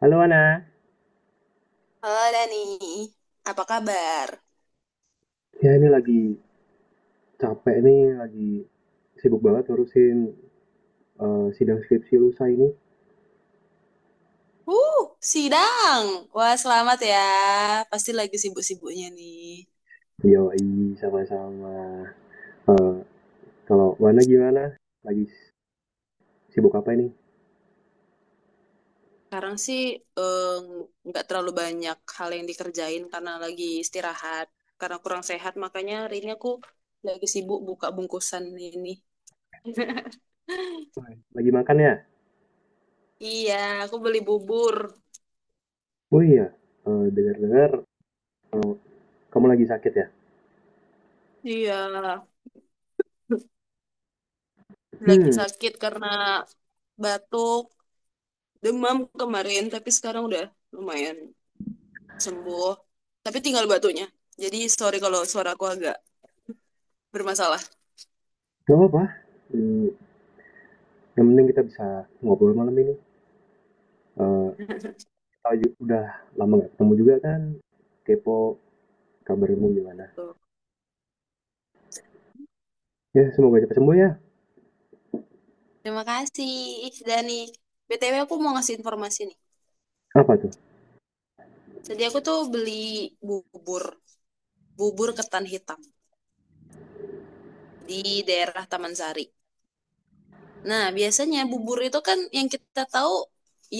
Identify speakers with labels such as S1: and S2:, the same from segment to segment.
S1: Halo Ana,
S2: Halo Dani, apa kabar?
S1: ya ini lagi capek nih, lagi sibuk banget ngurusin sidang skripsi lusa ini.
S2: Uh, Sidang. Wah, selamat ya. Pasti lagi sibuk-sibuknya nih.
S1: Yoi, sama-sama. Eh, Kalau Wana gimana? Lagi s- Sibuk apa ini?
S2: Sekarang sih eh, nggak terlalu banyak hal yang dikerjain karena lagi istirahat. Karena kurang sehat, makanya hari ini aku lagi sibuk buka bungkusan ini.
S1: Lagi makan ya?
S2: Iya, aku beli bubur.
S1: Oh iya, dengar-dengar eh, kamu lagi sakit ya?
S2: Iya, lagi
S1: Hmm,
S2: sakit karena batuk, demam kemarin, tapi sekarang udah lumayan. Sembuh tapi tinggal batunya, jadi sorry kalau suaraku agak bermasalah
S1: gak apa-apa. Hmm, yang penting kita bisa ngobrol malam ini. Eh, udah lama gak ketemu juga kan? Kepo kabarmu gimana?
S2: gitu.
S1: Ya, semoga cepat sembuh ya.
S2: Terima kasih Dani. BTW aku mau ngasih informasi nih.
S1: Apa tuh?
S2: Jadi aku tuh beli bubur, bubur ketan hitam di daerah Taman Sari. Nah biasanya bubur itu kan yang kita tahu,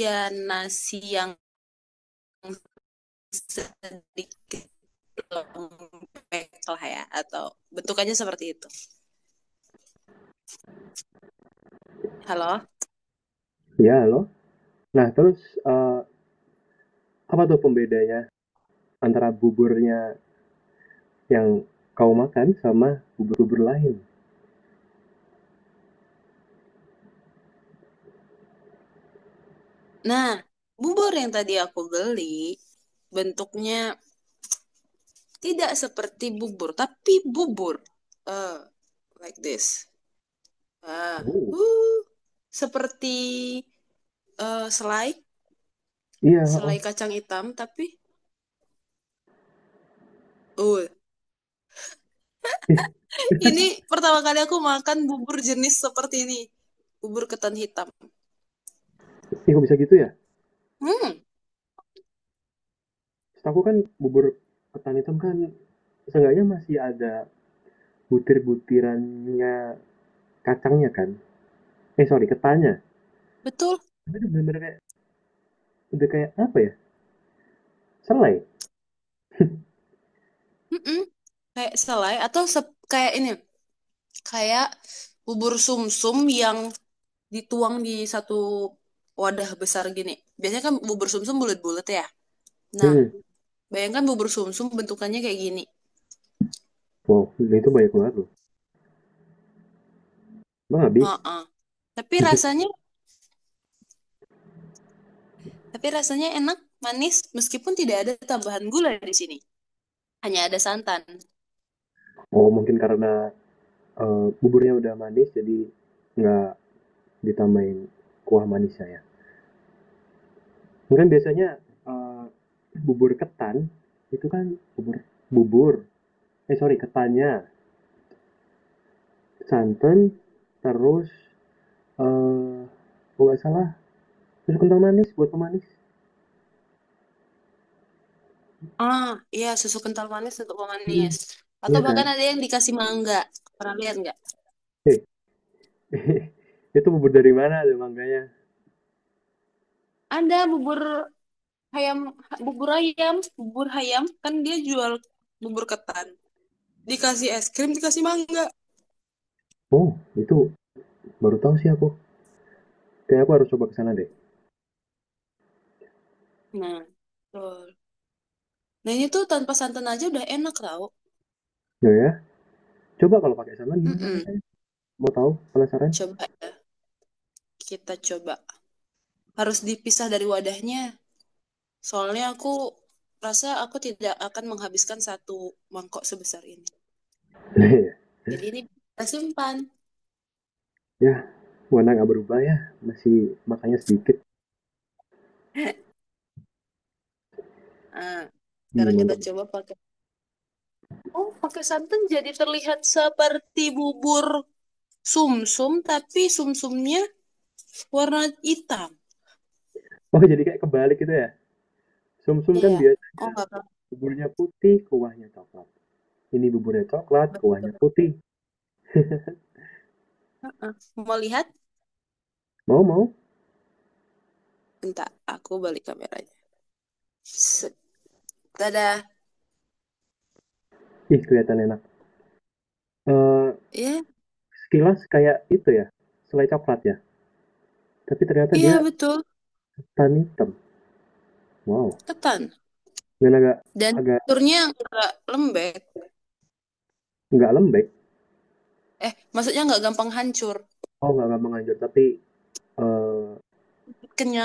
S2: ya nasi yang sedikit lembek lah ya, atau bentukannya seperti itu. Halo.
S1: Ya, halo? Nah, terus, apa tuh pembedanya antara buburnya yang kau makan sama bubur-bubur lain?
S2: Nah, bubur yang tadi aku beli bentuknya tidak seperti bubur, tapi bubur. Eh, like this. Ah,
S1: Oh.
S2: uh, Seperti selai,
S1: Iya, heeh.
S2: selai kacang hitam, tapi uh,
S1: Ih
S2: ini pertama kali aku makan bubur jenis seperti ini. Bubur ketan hitam.
S1: ih, kok bisa gitu ya?
S2: Hmm,
S1: Setahuku kan bubur ketan hitam kan seenggaknya masih ada butir-butirannya kacangnya kan? Eh, sorry, ketannya.
S2: betul.
S1: Tapi itu bener-bener kayak udah kayak apa ya, selai.
S2: Mm-mm. Kayak selai atau kayak ini, kayak bubur sumsum yang dituang di satu wadah besar gini. Biasanya kan bubur sumsum bulat-bulat ya. Nah,
S1: Mhm.
S2: bayangkan bubur sumsum bentukannya kayak gini.
S1: Wow, itu banyak banget loh. Emang habis?
S2: Heeh. Tapi rasanya, tapi rasanya enak, manis, meskipun tidak ada tambahan gula di sini. Hanya ada santan.
S1: Oh, mungkin karena, buburnya udah manis jadi nggak ditambahin kuah manisnya ya. Mungkin biasanya bubur ketan itu kan bubur bubur eh sorry ketannya, santan, terus eh kalau nggak salah terus kental manis buat pemanis.
S2: Ah, iya susu kental manis untuk
S1: Mm,
S2: pemanis. Atau
S1: iya kan?
S2: bahkan ada yang dikasih mangga. Pernah lihat nggak?
S1: Eh itu bubur dari mana tuh mangganya?
S2: Ada bubur ayam, bubur ayam kan dia jual bubur ketan. Dikasih es krim, dikasih mangga.
S1: Oh itu baru tahu sih aku. Kayak aku harus coba ke sana deh.
S2: Nah, betul. Nah ini tuh tanpa santan aja udah enak tau.
S1: Ya ya. Coba kalau pakai santan gimana
S2: Mm-mm.
S1: rasanya? Mau tahu? Penasaran?
S2: Coba ya, kita coba. Harus dipisah dari wadahnya. Soalnya aku rasa aku tidak akan menghabiskan satu mangkok sebesar ini.
S1: Iya.
S2: Jadi ini kita simpan.
S1: Ya warna nggak berubah ya, masih makanya sedikit,
S2: Nah,
S1: mie
S2: sekarang kita
S1: mantap.
S2: coba pakai. Oh, pakai santan jadi terlihat seperti bubur sumsum, tapi sumsumnya warna hitam.
S1: Oh, jadi kayak kebalik gitu ya? Sumsum kan
S2: Iya. Oh,
S1: biasanya
S2: nggak apa-apa.
S1: buburnya putih, kuahnya coklat. Ini buburnya coklat, kuahnya
S2: Betul.
S1: putih.
S2: Uh-uh. Mau lihat?
S1: Mau, mau.
S2: Bentar, aku balik kameranya. Set. Tada.
S1: Ih, kelihatan enak. Eh,
S2: Iya,
S1: sekilas kayak itu ya, selai coklat ya. Tapi ternyata
S2: iya
S1: dia
S2: betul.
S1: tan hitam. Wow.
S2: Ketan.
S1: Dan agak
S2: Dan
S1: agak
S2: teksturnya enggak lembek.
S1: nggak lembek.
S2: Eh, maksudnya nggak gampang hancur.
S1: Oh, nggak gampang hancur, tapi eh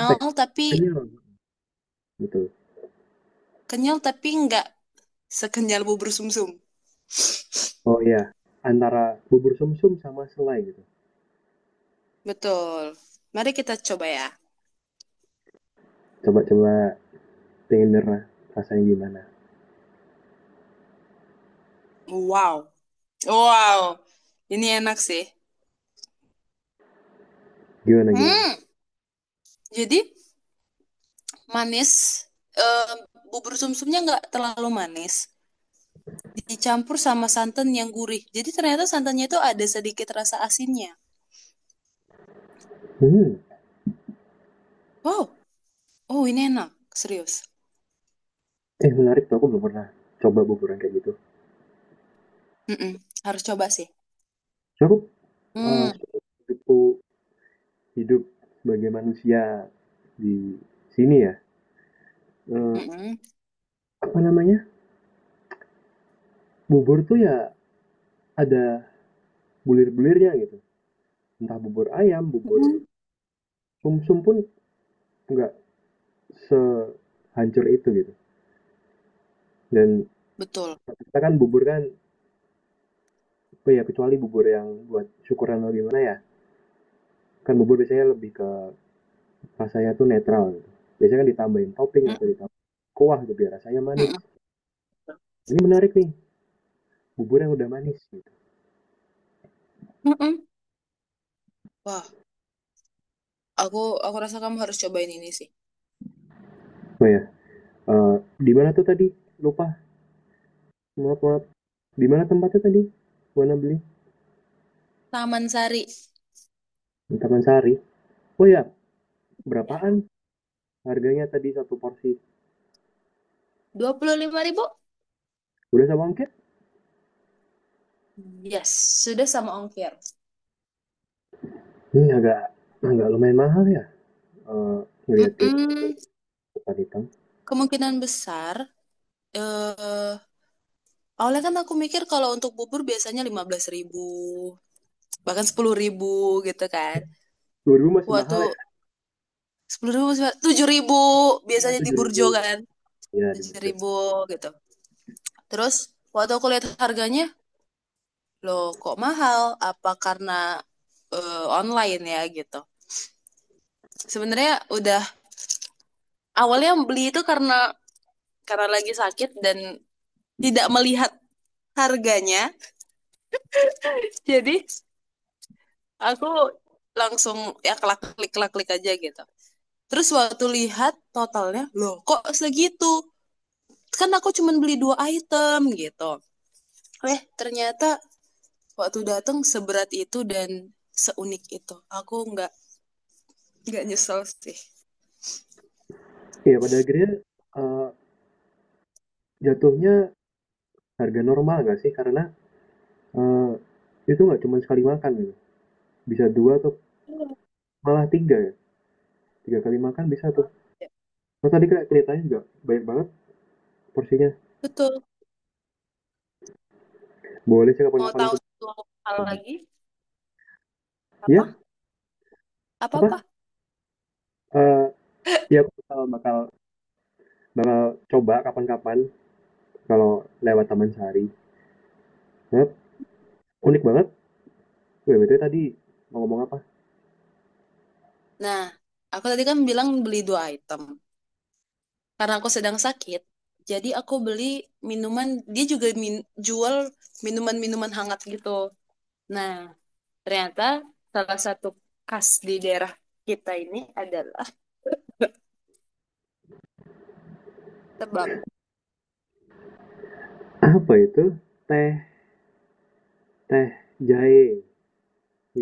S1: apa ya?
S2: tapi
S1: Kenyal gitu.
S2: kenyal tapi nggak sekenyal bubur sumsum.
S1: Oh iya, antara bubur sumsum sama selai gitu.
S2: Betul. Mari kita coba ya.
S1: Coba-coba, tenernya rasanya gimana?
S2: Wow. Wow. Ini enak sih.
S1: Gimana gimana?
S2: Hmm. Jadi manis. Eh, Bubur sumsumnya nggak terlalu manis. Dicampur sama santan yang gurih. Jadi ternyata santannya itu ada sedikit rasa asinnya.
S1: Hmm,
S2: Wow. Oh, ini enak. Serius.
S1: menarik tuh aku belum pernah coba buburan kayak gitu.
S2: Mm-mm. Harus coba sih.
S1: Cukup eh
S2: Hmm.
S1: hidupku hidup sebagai manusia di sini ya. Eh,
S2: Mm-mm.
S1: apa namanya? Bubur tuh ya ada bulir-bulirnya gitu. Entah bubur ayam,
S2: Mm-mm.
S1: bubur sumsum pun nggak sehancur itu gitu. Dan
S2: Betul.
S1: kita kan bubur kan, oh ya kecuali bubur yang buat syukuran atau gimana ya. Kan bubur biasanya lebih ke rasanya tuh netral gitu. Biasanya kan ditambahin topping atau
S2: Mm-mm.
S1: ditambahin kuah gitu biar rasanya manis.
S2: Mm-mm.
S1: Ini menarik nih, bubur yang udah manis. Gitu.
S2: Mm-mm. Wah, aku aku rasa kamu harus cobain ini sih.
S1: Oh ya, di mana tuh tadi? Lupa, maaf maaf. Di mana tempatnya tadi? Mana beli?
S2: Taman Sari.
S1: Di Taman Sari. Oh ya,
S2: Ya.
S1: berapaan harganya tadi satu porsi?
S2: 25 ribu?
S1: Udah sama ongkir?
S2: Yes, sudah sama ongkir.
S1: Ini hmm, agak agak lumayan mahal ya. Eh, ngelihat dia
S2: Mm.
S1: tempat hitam.
S2: Kemungkinan besar, eh awalnya kan aku mikir kalau untuk bubur biasanya 15 ribu, bahkan 10 ribu gitu kan.
S1: 2000 masih
S2: Waktu
S1: mahal ya?
S2: 10 ribu, 7 ribu
S1: Ya,
S2: biasanya di
S1: 7000.
S2: Burjo kan,
S1: Ya, di
S2: 7
S1: Burjo.
S2: ribu gitu. Terus waktu aku lihat harganya, loh kok mahal? Apa karena eh, online ya gitu. Sebenarnya udah awalnya beli itu karena lagi sakit dan tidak melihat harganya. Jadi aku langsung ya kelak klik klik aja gitu. Terus waktu lihat totalnya, loh kok segitu? Kan aku cuma beli dua item gitu. Eh ternyata waktu datang seberat itu dan seunik itu. Aku nggak nyesel sih.
S1: Iya, pada akhirnya eh, jatuhnya harga normal nggak sih? Karena Eee, itu nggak cuma sekali makan gitu, bisa 2 atau malah 3, ya, 3 kali makan bisa tuh. Terus tadi kayak kelihatannya juga banyak banget porsinya.
S2: Betul.
S1: Boleh sih
S2: Mau
S1: kapan-kapan
S2: tahu
S1: aku
S2: satu hal
S1: coba.
S2: lagi? Apa?
S1: Ya?
S2: Apa-apa?
S1: Apa, eee, iya aku bakal bakal bakal coba kapan-kapan kalau lewat Taman Sari. Banget, unik banget. Wih, BTW tadi mau ngomong apa?
S2: Nah, aku tadi kan bilang beli dua item. Karena aku sedang sakit, jadi aku beli minuman, dia juga jual minuman-minuman hangat gitu. Nah, ternyata salah satu khas di daerah kita ini adalah tebak
S1: Apa itu? Teh teh jahe,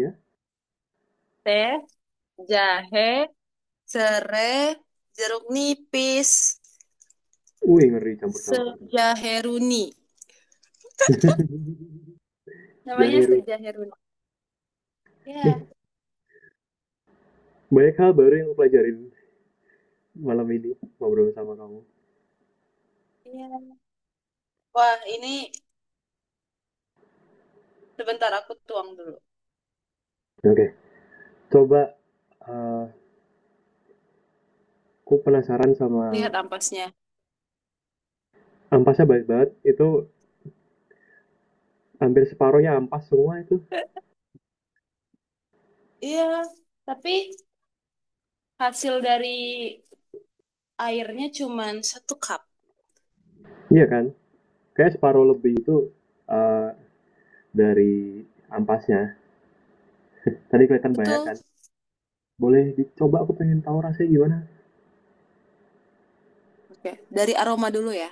S1: ya?
S2: teh, jahe, serai, jeruk nipis,
S1: Wih, ngeri campur-campur tuh.
S2: sejaheruni. Namanya
S1: Jahe ru,
S2: sejaheruni.
S1: eh,
S2: Ya,
S1: banyak hal baru yang aku pelajarin malam ini ngobrol sama kamu.
S2: iya. Wah, ini sebentar aku tuang dulu.
S1: Oke, okay. Coba eh aku penasaran sama
S2: Lihat ampasnya.
S1: ampasnya, baik banget. Itu hampir separuhnya ampas semua itu.
S2: Iya, tapi hasil dari airnya cuman satu cup.
S1: Iya kan? Kayak separuh lebih itu eh dari ampasnya. Tadi kelihatan banyak
S2: Betul.
S1: kan. Boleh dicoba aku pengen tahu rasanya gimana.
S2: Oke, dari aroma dulu ya.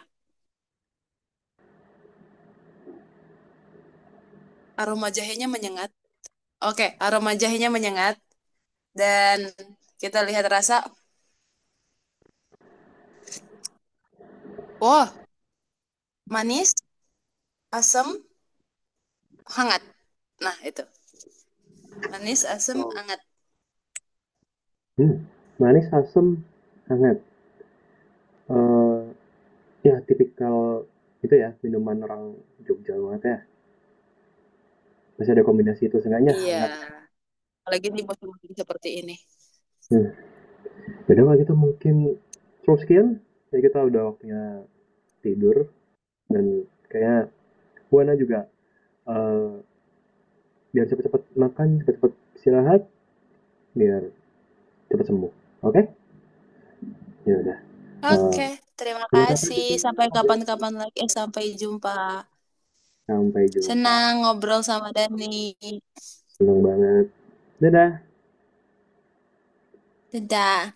S2: Aroma jahenya menyengat. Oke, aroma jahenya menyengat dan kita lihat rasa. Wow, manis, asam, hangat. Nah, itu. Manis, asam,
S1: Oh.
S2: hangat.
S1: Hmm, manis, asam, hangat. eh Ya tipikal itu ya minuman orang Jogja banget ya. Masih ada kombinasi itu seenggaknya
S2: Iya,
S1: hangat.
S2: apalagi di musim hujan seperti ini.
S1: Hmm. Jadi kalau gitu mungkin cukup sekian. Jadi kita udah waktunya tidur dan kayaknya Buana juga eh, biar cepet-cepet makan, cepet-cepet istirahat, biar cepet sembuh. Oke? Okay? Ya udah. Eh,
S2: Oke, terima
S1: kapan-kapan
S2: kasih.
S1: kita
S2: Sampai
S1: ngobrol lagi.
S2: kapan-kapan lagi. Eh, sampai jumpa.
S1: Sampai jumpa.
S2: Senang ngobrol sama Dani.
S1: Seneng banget. Dadah.
S2: Dadah.